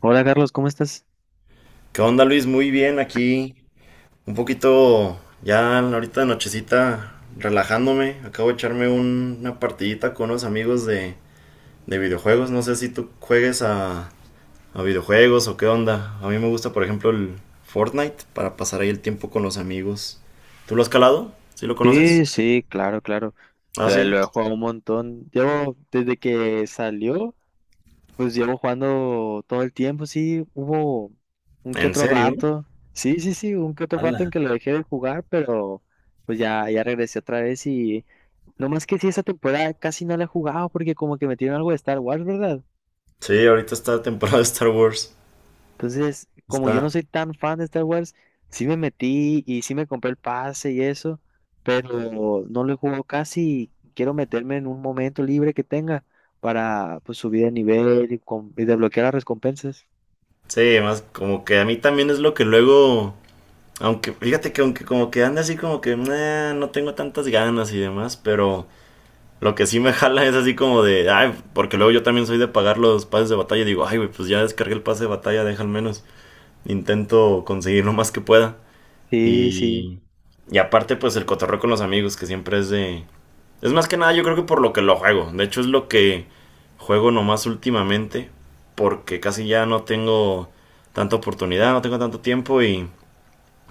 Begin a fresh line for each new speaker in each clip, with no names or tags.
Hola Carlos, ¿cómo estás?
¿Qué onda, Luis? Muy bien aquí. Un poquito ya ahorita de nochecita relajándome. Acabo de echarme una partidita con unos amigos de videojuegos. No sé si tú juegues a videojuegos o qué onda. A mí me gusta, por ejemplo, el Fortnite para pasar ahí el tiempo con los amigos. ¿Tú lo has calado? ¿Sí lo conoces?
Sí, sí, claro, claro.
Ah,
Lo,
sí.
lo he jugado un montón. Llevo, desde que salió, pues llevo jugando todo el tiempo, sí, hubo un que
¿En
otro
serio?
rato. Sí, sí, sí, un que otro rato en
Ala.
que lo dejé de jugar, pero pues ya, ya regresé otra vez y no más que sí, esa temporada casi no la he jugado porque como que metieron algo de Star Wars, ¿verdad?
Sí, ahorita está la temporada de Star Wars.
Entonces, como yo
Está.
no soy tan fan de Star Wars, sí me metí y sí me compré el pase y eso, pero no lo he jugado casi. Quiero meterme en un momento libre que tenga para pues, subir de nivel y desbloquear las recompensas.
Sí, más como que a mí también es lo que luego. Aunque, fíjate que aunque como que anda así como que "Nah, no tengo tantas ganas y demás", pero lo que sí me jala es así como de, ay, porque luego yo también soy de pagar los pases de batalla. Digo, ay, güey, pues ya descargué el pase de batalla, deja al menos. Intento conseguir lo más que pueda.
Sí, sí.
Y, y aparte, pues el cotorreo con los amigos, que siempre es de... Es más que nada, yo creo que por lo que lo juego. De hecho, es lo que juego nomás últimamente, porque casi ya no tengo tanta oportunidad, no tengo tanto tiempo y...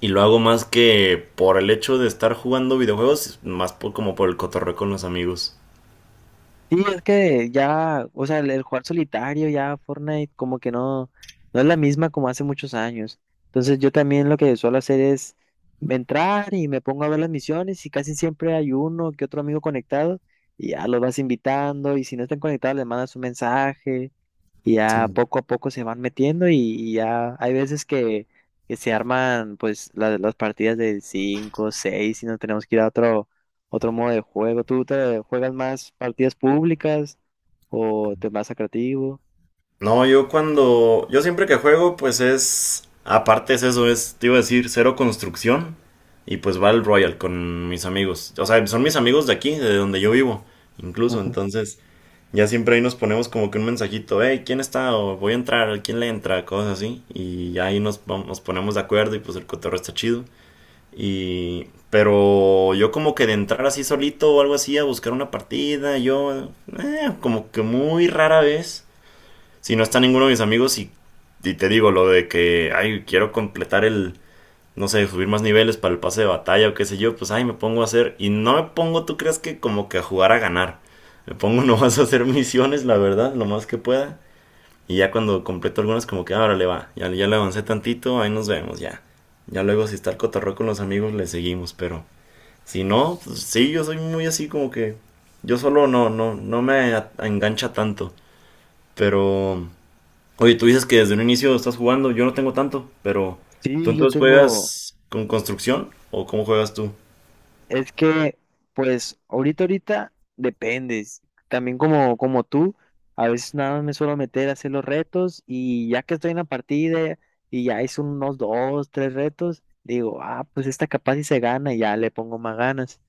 Y lo hago más que por el hecho de estar jugando videojuegos, más por, como por el cotorreo con los amigos.
Sí, es que ya, o sea, el jugar solitario ya Fortnite como que no, no es la misma como hace muchos años. Entonces yo también lo que suelo hacer es entrar y me pongo a ver las misiones y casi siempre hay uno que otro amigo conectado y ya los vas invitando y si no están conectados les mandas un mensaje y
Sí,
ya
bueno.
poco a poco se van metiendo y ya hay veces que se arman pues las partidas de 5 6 y nos tenemos que ir a otro, otro modo de juego. ¿Tú te juegas más partidas públicas o te vas a creativo?
No, yo cuando. Yo siempre que juego, pues es. Aparte es eso, es, te iba a decir, cero construcción. Y pues va el Royal con mis amigos. O sea, son mis amigos de aquí, de donde yo vivo. Incluso,
Ujú.
entonces. Ya siempre ahí nos ponemos como que un mensajito, hey, ¿quién está? O voy a entrar, ¿quién le entra? Cosas así. Y ya ahí nos, nos ponemos de acuerdo y pues el cotorreo está chido. Y, pero yo como que de entrar así solito o algo así a buscar una partida, yo como que muy rara vez, si no está ninguno de mis amigos y te digo lo de que, ay, quiero completar el, no sé, subir más niveles para el pase de batalla o qué sé yo, pues ay, me pongo a hacer y no me pongo, tú crees que como que a jugar a ganar, me pongo nomás a hacer misiones, la verdad, lo más que pueda. Y ya cuando completo algunos, como que ahora le va. Ya, ya le avancé tantito, ahí nos vemos, ya. Ya luego, si está el cotorreo con los amigos, le seguimos. Pero si no, pues, sí, yo soy muy así como que. Yo solo no, no, no me engancha tanto. Pero. Oye, tú dices que desde un inicio estás jugando. Yo no tengo tanto, pero. ¿Tú
Sí, yo
entonces
tengo.
juegas con construcción? ¿O cómo juegas tú?
Es que, pues, ahorita, dependes. También como, como tú, a veces nada más me suelo meter a hacer los retos y ya que estoy en la partida y ya hice unos dos, tres retos, digo, ah, pues esta capaz y se gana y ya le pongo más ganas.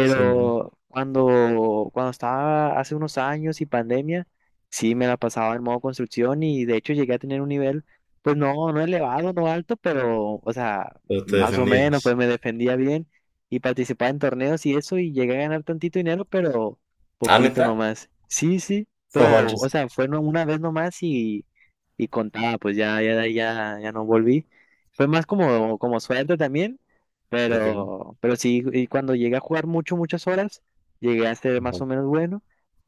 Sí, bueno.
cuando estaba hace unos años y pandemia, sí me la pasaba en modo construcción y de hecho llegué a tener un nivel, pues no, no elevado, no alto, pero, o sea,
Pero te
más o menos, pues
defendías.
me defendía bien y participaba en torneos y eso y llegué a ganar tantito dinero, pero
¿Ah,
poquito
neta?
nomás. Sí, sí,
No
pero, o
manches.
sea, fue no- una vez nomás y contaba, pues ya, ya, ya, ya no volví. Fue más como, como suerte también.
Ok.
Pero sí, y cuando llegué a jugar mucho, muchas horas, llegué a ser más
Ajá.
o menos bueno,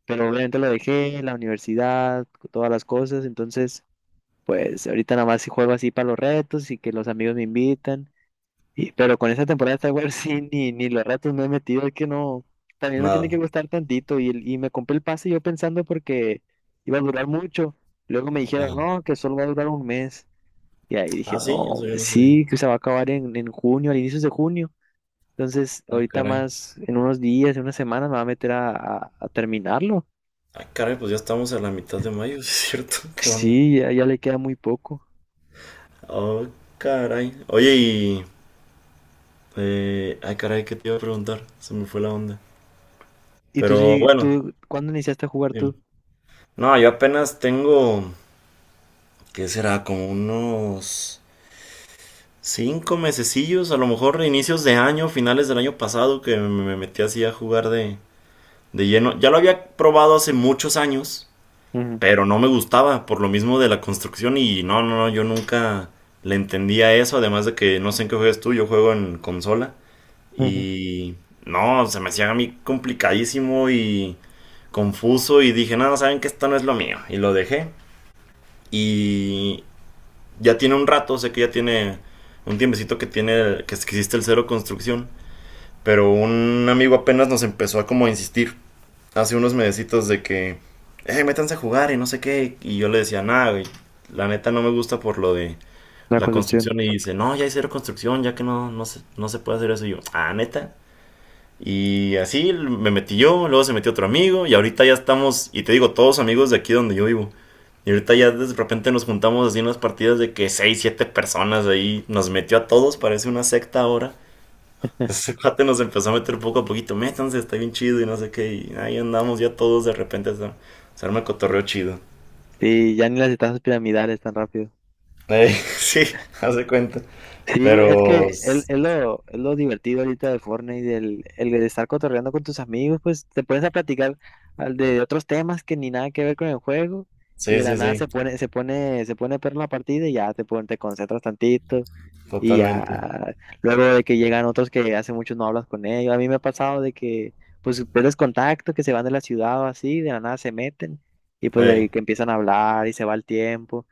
pero obviamente lo dejé, la universidad, todas las cosas, entonces, pues ahorita nada más sí juego así para los retos y que los amigos me invitan, y, pero con esta temporada de Star Wars sí, ni, ni los retos me he metido, es que no, también me tiene que
Nada.
gustar tantito, y me compré el pase yo pensando porque iba a durar mucho, luego me dijeron,
Ajá.
no, que solo va a durar un mes, y ahí dije,
Ah, sí,
no,
eso yo no sabía.
sí, que se va a acabar en junio, a inicios de junio. Entonces,
Ah,
ahorita
caray.
más, en unos días, en unas semanas, me va a meter a terminarlo.
Ah, caray, pues ya estamos a la mitad de mayo, ¿es cierto? ¿Qué onda?
Sí, ya, ya le queda muy poco.
Oh, caray. Oye, y... ay, caray, ¿qué te iba a preguntar? Se me fue la onda.
¿Y
Pero bueno,
tú, cuándo iniciaste a jugar tú?
dime. No, yo apenas tengo, ¿qué será? Como unos cinco mesecillos, a lo mejor inicios de año, finales del año pasado, que me metí así a jugar de lleno. Ya lo había probado hace muchos años,
Ujú,
pero no me gustaba por lo mismo de la construcción y no, no, no, yo nunca le entendía eso, además de que no sé en qué juegas tú, yo juego en consola
ujú.
y no, se me hacía a mí complicadísimo y confuso y dije, no, saben que esto no es lo mío y lo dejé y ya tiene un rato, sé que ya tiene un tiempecito que tiene que existe el cero construcción, pero un amigo apenas nos empezó a como insistir hace unos mesecitos de que, métanse a jugar y no sé qué. Y yo le decía, nada, güey, la neta no me gusta por lo de
La
la
construcción.
construcción. Y dice, no, ya hay cero construcción, ya que no, no se puede hacer eso. Y yo, ah, neta. Y así me metí yo, luego se metió otro amigo y ahorita ya estamos, y te digo, todos amigos de aquí donde yo vivo. Y ahorita ya de repente nos juntamos así en unas partidas de que 6 7 personas ahí, nos metió a todos, parece una secta ahora. Ese cuate nos empezó a meter poco a poquito, métanse, está bien chido y no sé qué. Y ahí andamos ya todos de repente, a se arma el cotorreo chido.
Sí, ya ni las etapas piramidales tan rápido.
Ey, sí, hace cuenta.
Sí, es
Pero
que es,
sí,
es lo, es lo divertido ahorita de Fortnite, del el de estar cotorreando con tus amigos, pues te pones a platicar al de otros temas que ni nada que ver con el juego y
sí,
de la nada se
sí,
pone, se pone, se pone perro la partida y ya te concentras tantito y
totalmente.
ya luego de que llegan otros que hace mucho no hablas con ellos. A mí me ha pasado de que pues pierdes contacto, que se van de la ciudad o así, de la nada se meten y pues
Ey,
de que empiezan a hablar y se va el tiempo.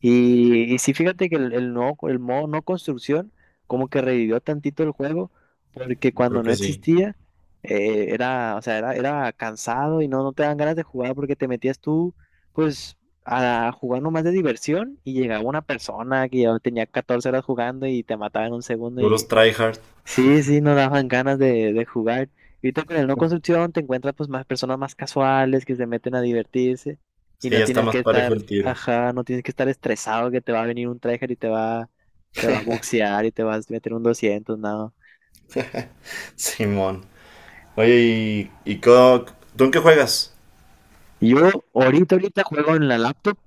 Y sí, fíjate que el modo no construcción como que revivió tantito el juego, porque
yo
cuando
creo
no
que sí.
existía, era, o sea, era, era cansado y no, no te dan ganas de jugar porque te metías tú, pues, a jugar nomás de diversión y llegaba una persona que ya tenía 14 horas jugando y te mataba en un segundo.
Puros tryhard.
Sí, sí, nos daban ganas de jugar. Y ahorita con el no construcción te encuentras pues más personas más casuales que se meten a divertirse y
Sí,
no
ya está
tienes
más
que
parejo
estar,
el tiro.
ajá, no tienes que estar estresado que te va a venir un tryhard y te va a boxear y te vas a meter un 200 nada.
Simón. Oye, ¿ tú en qué juegas?
Yo ahorita juego en la laptop,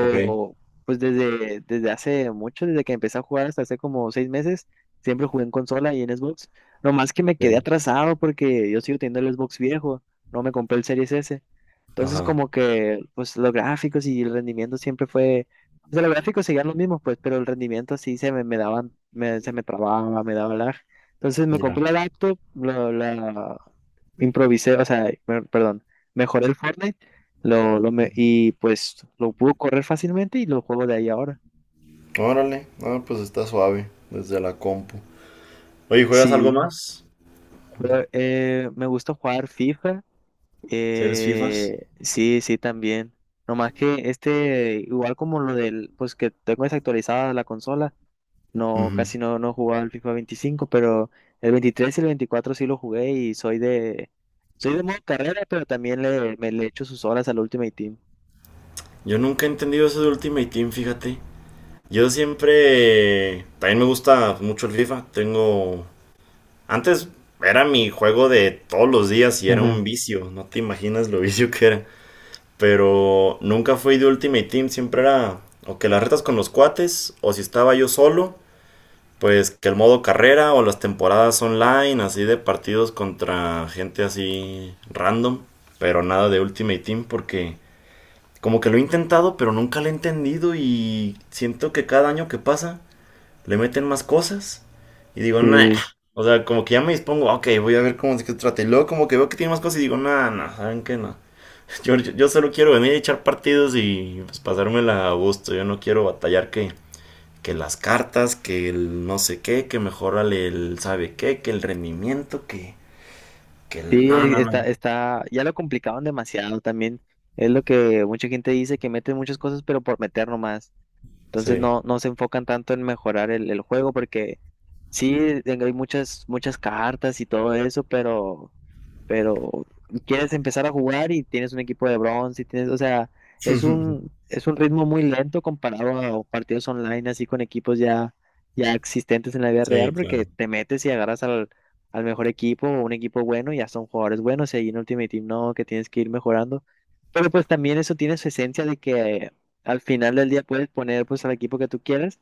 Ok,
pues desde, desde hace mucho, desde que empecé a jugar hasta hace como 6 meses, siempre jugué en consola y en Xbox. No más que me quedé
ok.
atrasado porque yo sigo teniendo el Xbox viejo, no me compré el Series S. Entonces
Ajá,
como que pues los gráficos y el rendimiento siempre fue, o sea, los gráficos seguían los mismos pues, pero el rendimiento sí se me, me daban, se me trababa, me daba lag. Entonces me compré
ya.
la laptop, la improvisé, o sea, perdón, mejoré el Fortnite y pues lo pude correr fácilmente y lo juego de ahí ahora.
Órale, ah, pues está suave desde la compu. Oye, ¿juegas algo
Sí,
más?
pero, me gusta jugar FIFA.
¿Eres FIFAs?
Sí, sí, también. Nomás que este, igual como lo del, pues que tengo desactualizada la consola, no, casi no, no jugaba el FIFA 25 pero el 23 y el 24 sí lo jugué y soy de modo carrera, pero también le, me le echo sus horas al Ultimate Team.
Yo nunca he entendido eso de Ultimate Team, fíjate. Yo siempre... También me gusta mucho el FIFA. Tengo... Antes era mi juego de todos los días y era
Ujú.
un vicio. No te imaginas lo vicio que era. Pero nunca fui de Ultimate Team. Siempre era o que las retas con los cuates o si estaba yo solo. Pues que el modo carrera o las temporadas online, así de partidos contra gente así random. Pero nada de Ultimate Team porque como que lo he intentado, pero nunca lo he entendido y siento que cada año que pasa le meten más cosas y digo, nah.
Sí.
O sea, como que ya me dispongo, "Ah, ok, voy a ver cómo se trata". Y luego como que veo que tiene más cosas y digo, nah, nah, ¿saben qué? No. Yo solo quiero venir a echar partidos y pues, pasármela a gusto. Yo no quiero batallar que las cartas, que el no sé qué, que mejorale el sabe qué, que el rendimiento, que el...
Sí,
No, no, no.
está, está, ya lo complicaron demasiado también. Es lo que mucha gente dice que meten muchas cosas, pero por meter nomás. Entonces
Sí.
no, no se enfocan tanto en mejorar el juego porque sí hay muchas, muchas cartas y todo eso, pero quieres empezar a jugar y tienes un equipo de bronce y tienes, o sea, es un ritmo muy lento comparado a partidos online así con equipos ya, ya existentes en la vida real
Sí, claro.
porque te metes y agarras al mejor equipo o un equipo bueno y ya son jugadores buenos y ahí en Ultimate Team no, que tienes que ir mejorando. Pero pues también eso tiene su esencia de que al final del día puedes poner pues al equipo que tú quieras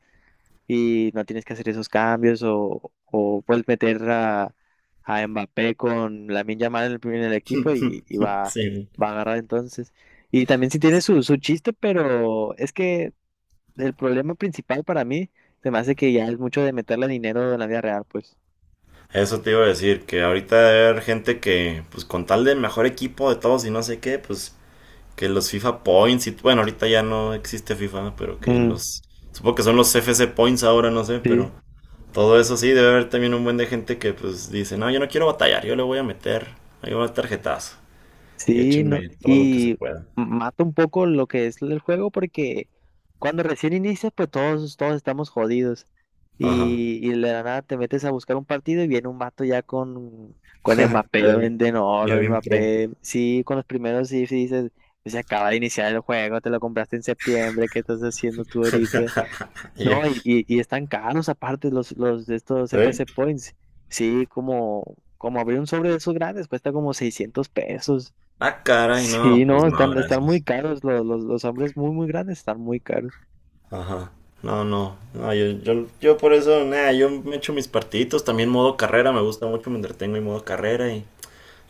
y no tienes que hacer esos cambios o puedes meter a Mbappé con Lamine Yamal en en el equipo y va,
Sí.
va a agarrar entonces. Y también sí tiene su, su chiste, pero es que el problema principal para mí se me hace que ya es mucho de meterle dinero en la vida real, pues.
Eso te iba a decir, que ahorita debe haber gente que, pues con tal de mejor equipo de todos y no sé qué, pues que los FIFA Points y bueno, ahorita ya no existe FIFA, ¿no? Pero que
Mm,
los, supongo que son los FC Points ahora, no sé, pero
sí.
todo eso sí, debe haber también un buen de gente que pues dice, no, yo no quiero batallar, yo le voy a meter, ahí va el tarjetazo y
Sí, no,
échenme todo lo que se
y
pueda.
mata un poco lo que es el juego porque cuando recién inicias, pues todos, todos estamos jodidos.
Ajá.
Y de la nada te metes a buscar un partido y viene un vato ya con Mbappé
Ya vi-
de
ya
oro,
bien pro.
Mbappé. Sí, con los primeros sí, sí dices, "Pues, se acaba de iniciar el juego, te lo compraste en septiembre, ¿qué estás haciendo tú ahorita?"
Ya-
No, y están caros aparte los de estos
¿Sí?
FC Points. Sí, como, como abrir un sobre de esos grandes cuesta como $600.
Ah, caray, no,
Sí,
pues
no,
no,
están, están muy
gracias.
caros, los hombres muy, muy grandes están muy caros.
Ajá. No, no. No, yo por eso, nada, yo me echo mis partiditos. También modo carrera, me gusta mucho, me entretengo en modo carrera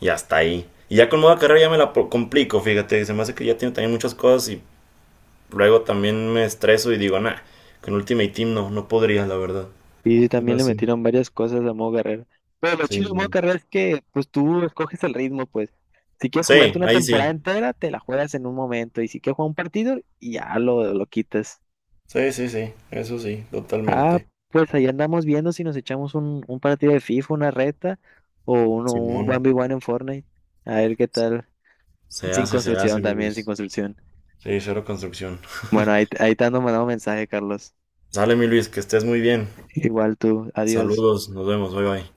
y hasta ahí. Y ya con modo carrera ya me la complico, fíjate. Se me hace que ya tengo también muchas cosas y luego también me estreso y digo, nah, con Ultimate Team no, no podría, la verdad.
Y sí,
Sí, me
también le
hace-
metieron varias cosas a modo carrera. Pero lo
Sí,
chido de modo
no.
carrera es que, pues tú escoges el ritmo, pues. Si quieres
Sí,
jugarte una
ahí
temporada
sí.
entera, te la juegas en un momento. Y si quieres jugar un partido, ya lo quitas.
Sí, sí, sí. Eso sí,
Ah,
totalmente.
pues ahí andamos viendo si nos echamos un partido de FIFA, una reta, o uno, un
Simón.
1v1 en Fortnite. A ver qué tal. Sin
Se hace,
construcción
mi
también, sin
Luis.
construcción.
Sí, cero construcción.
Bueno, ahí, ahí te ando mandando mensaje, Carlos.
Sale, mi Luis, que estés muy bien.
Igual tú, adiós.
Saludos, nos vemos, bye bye.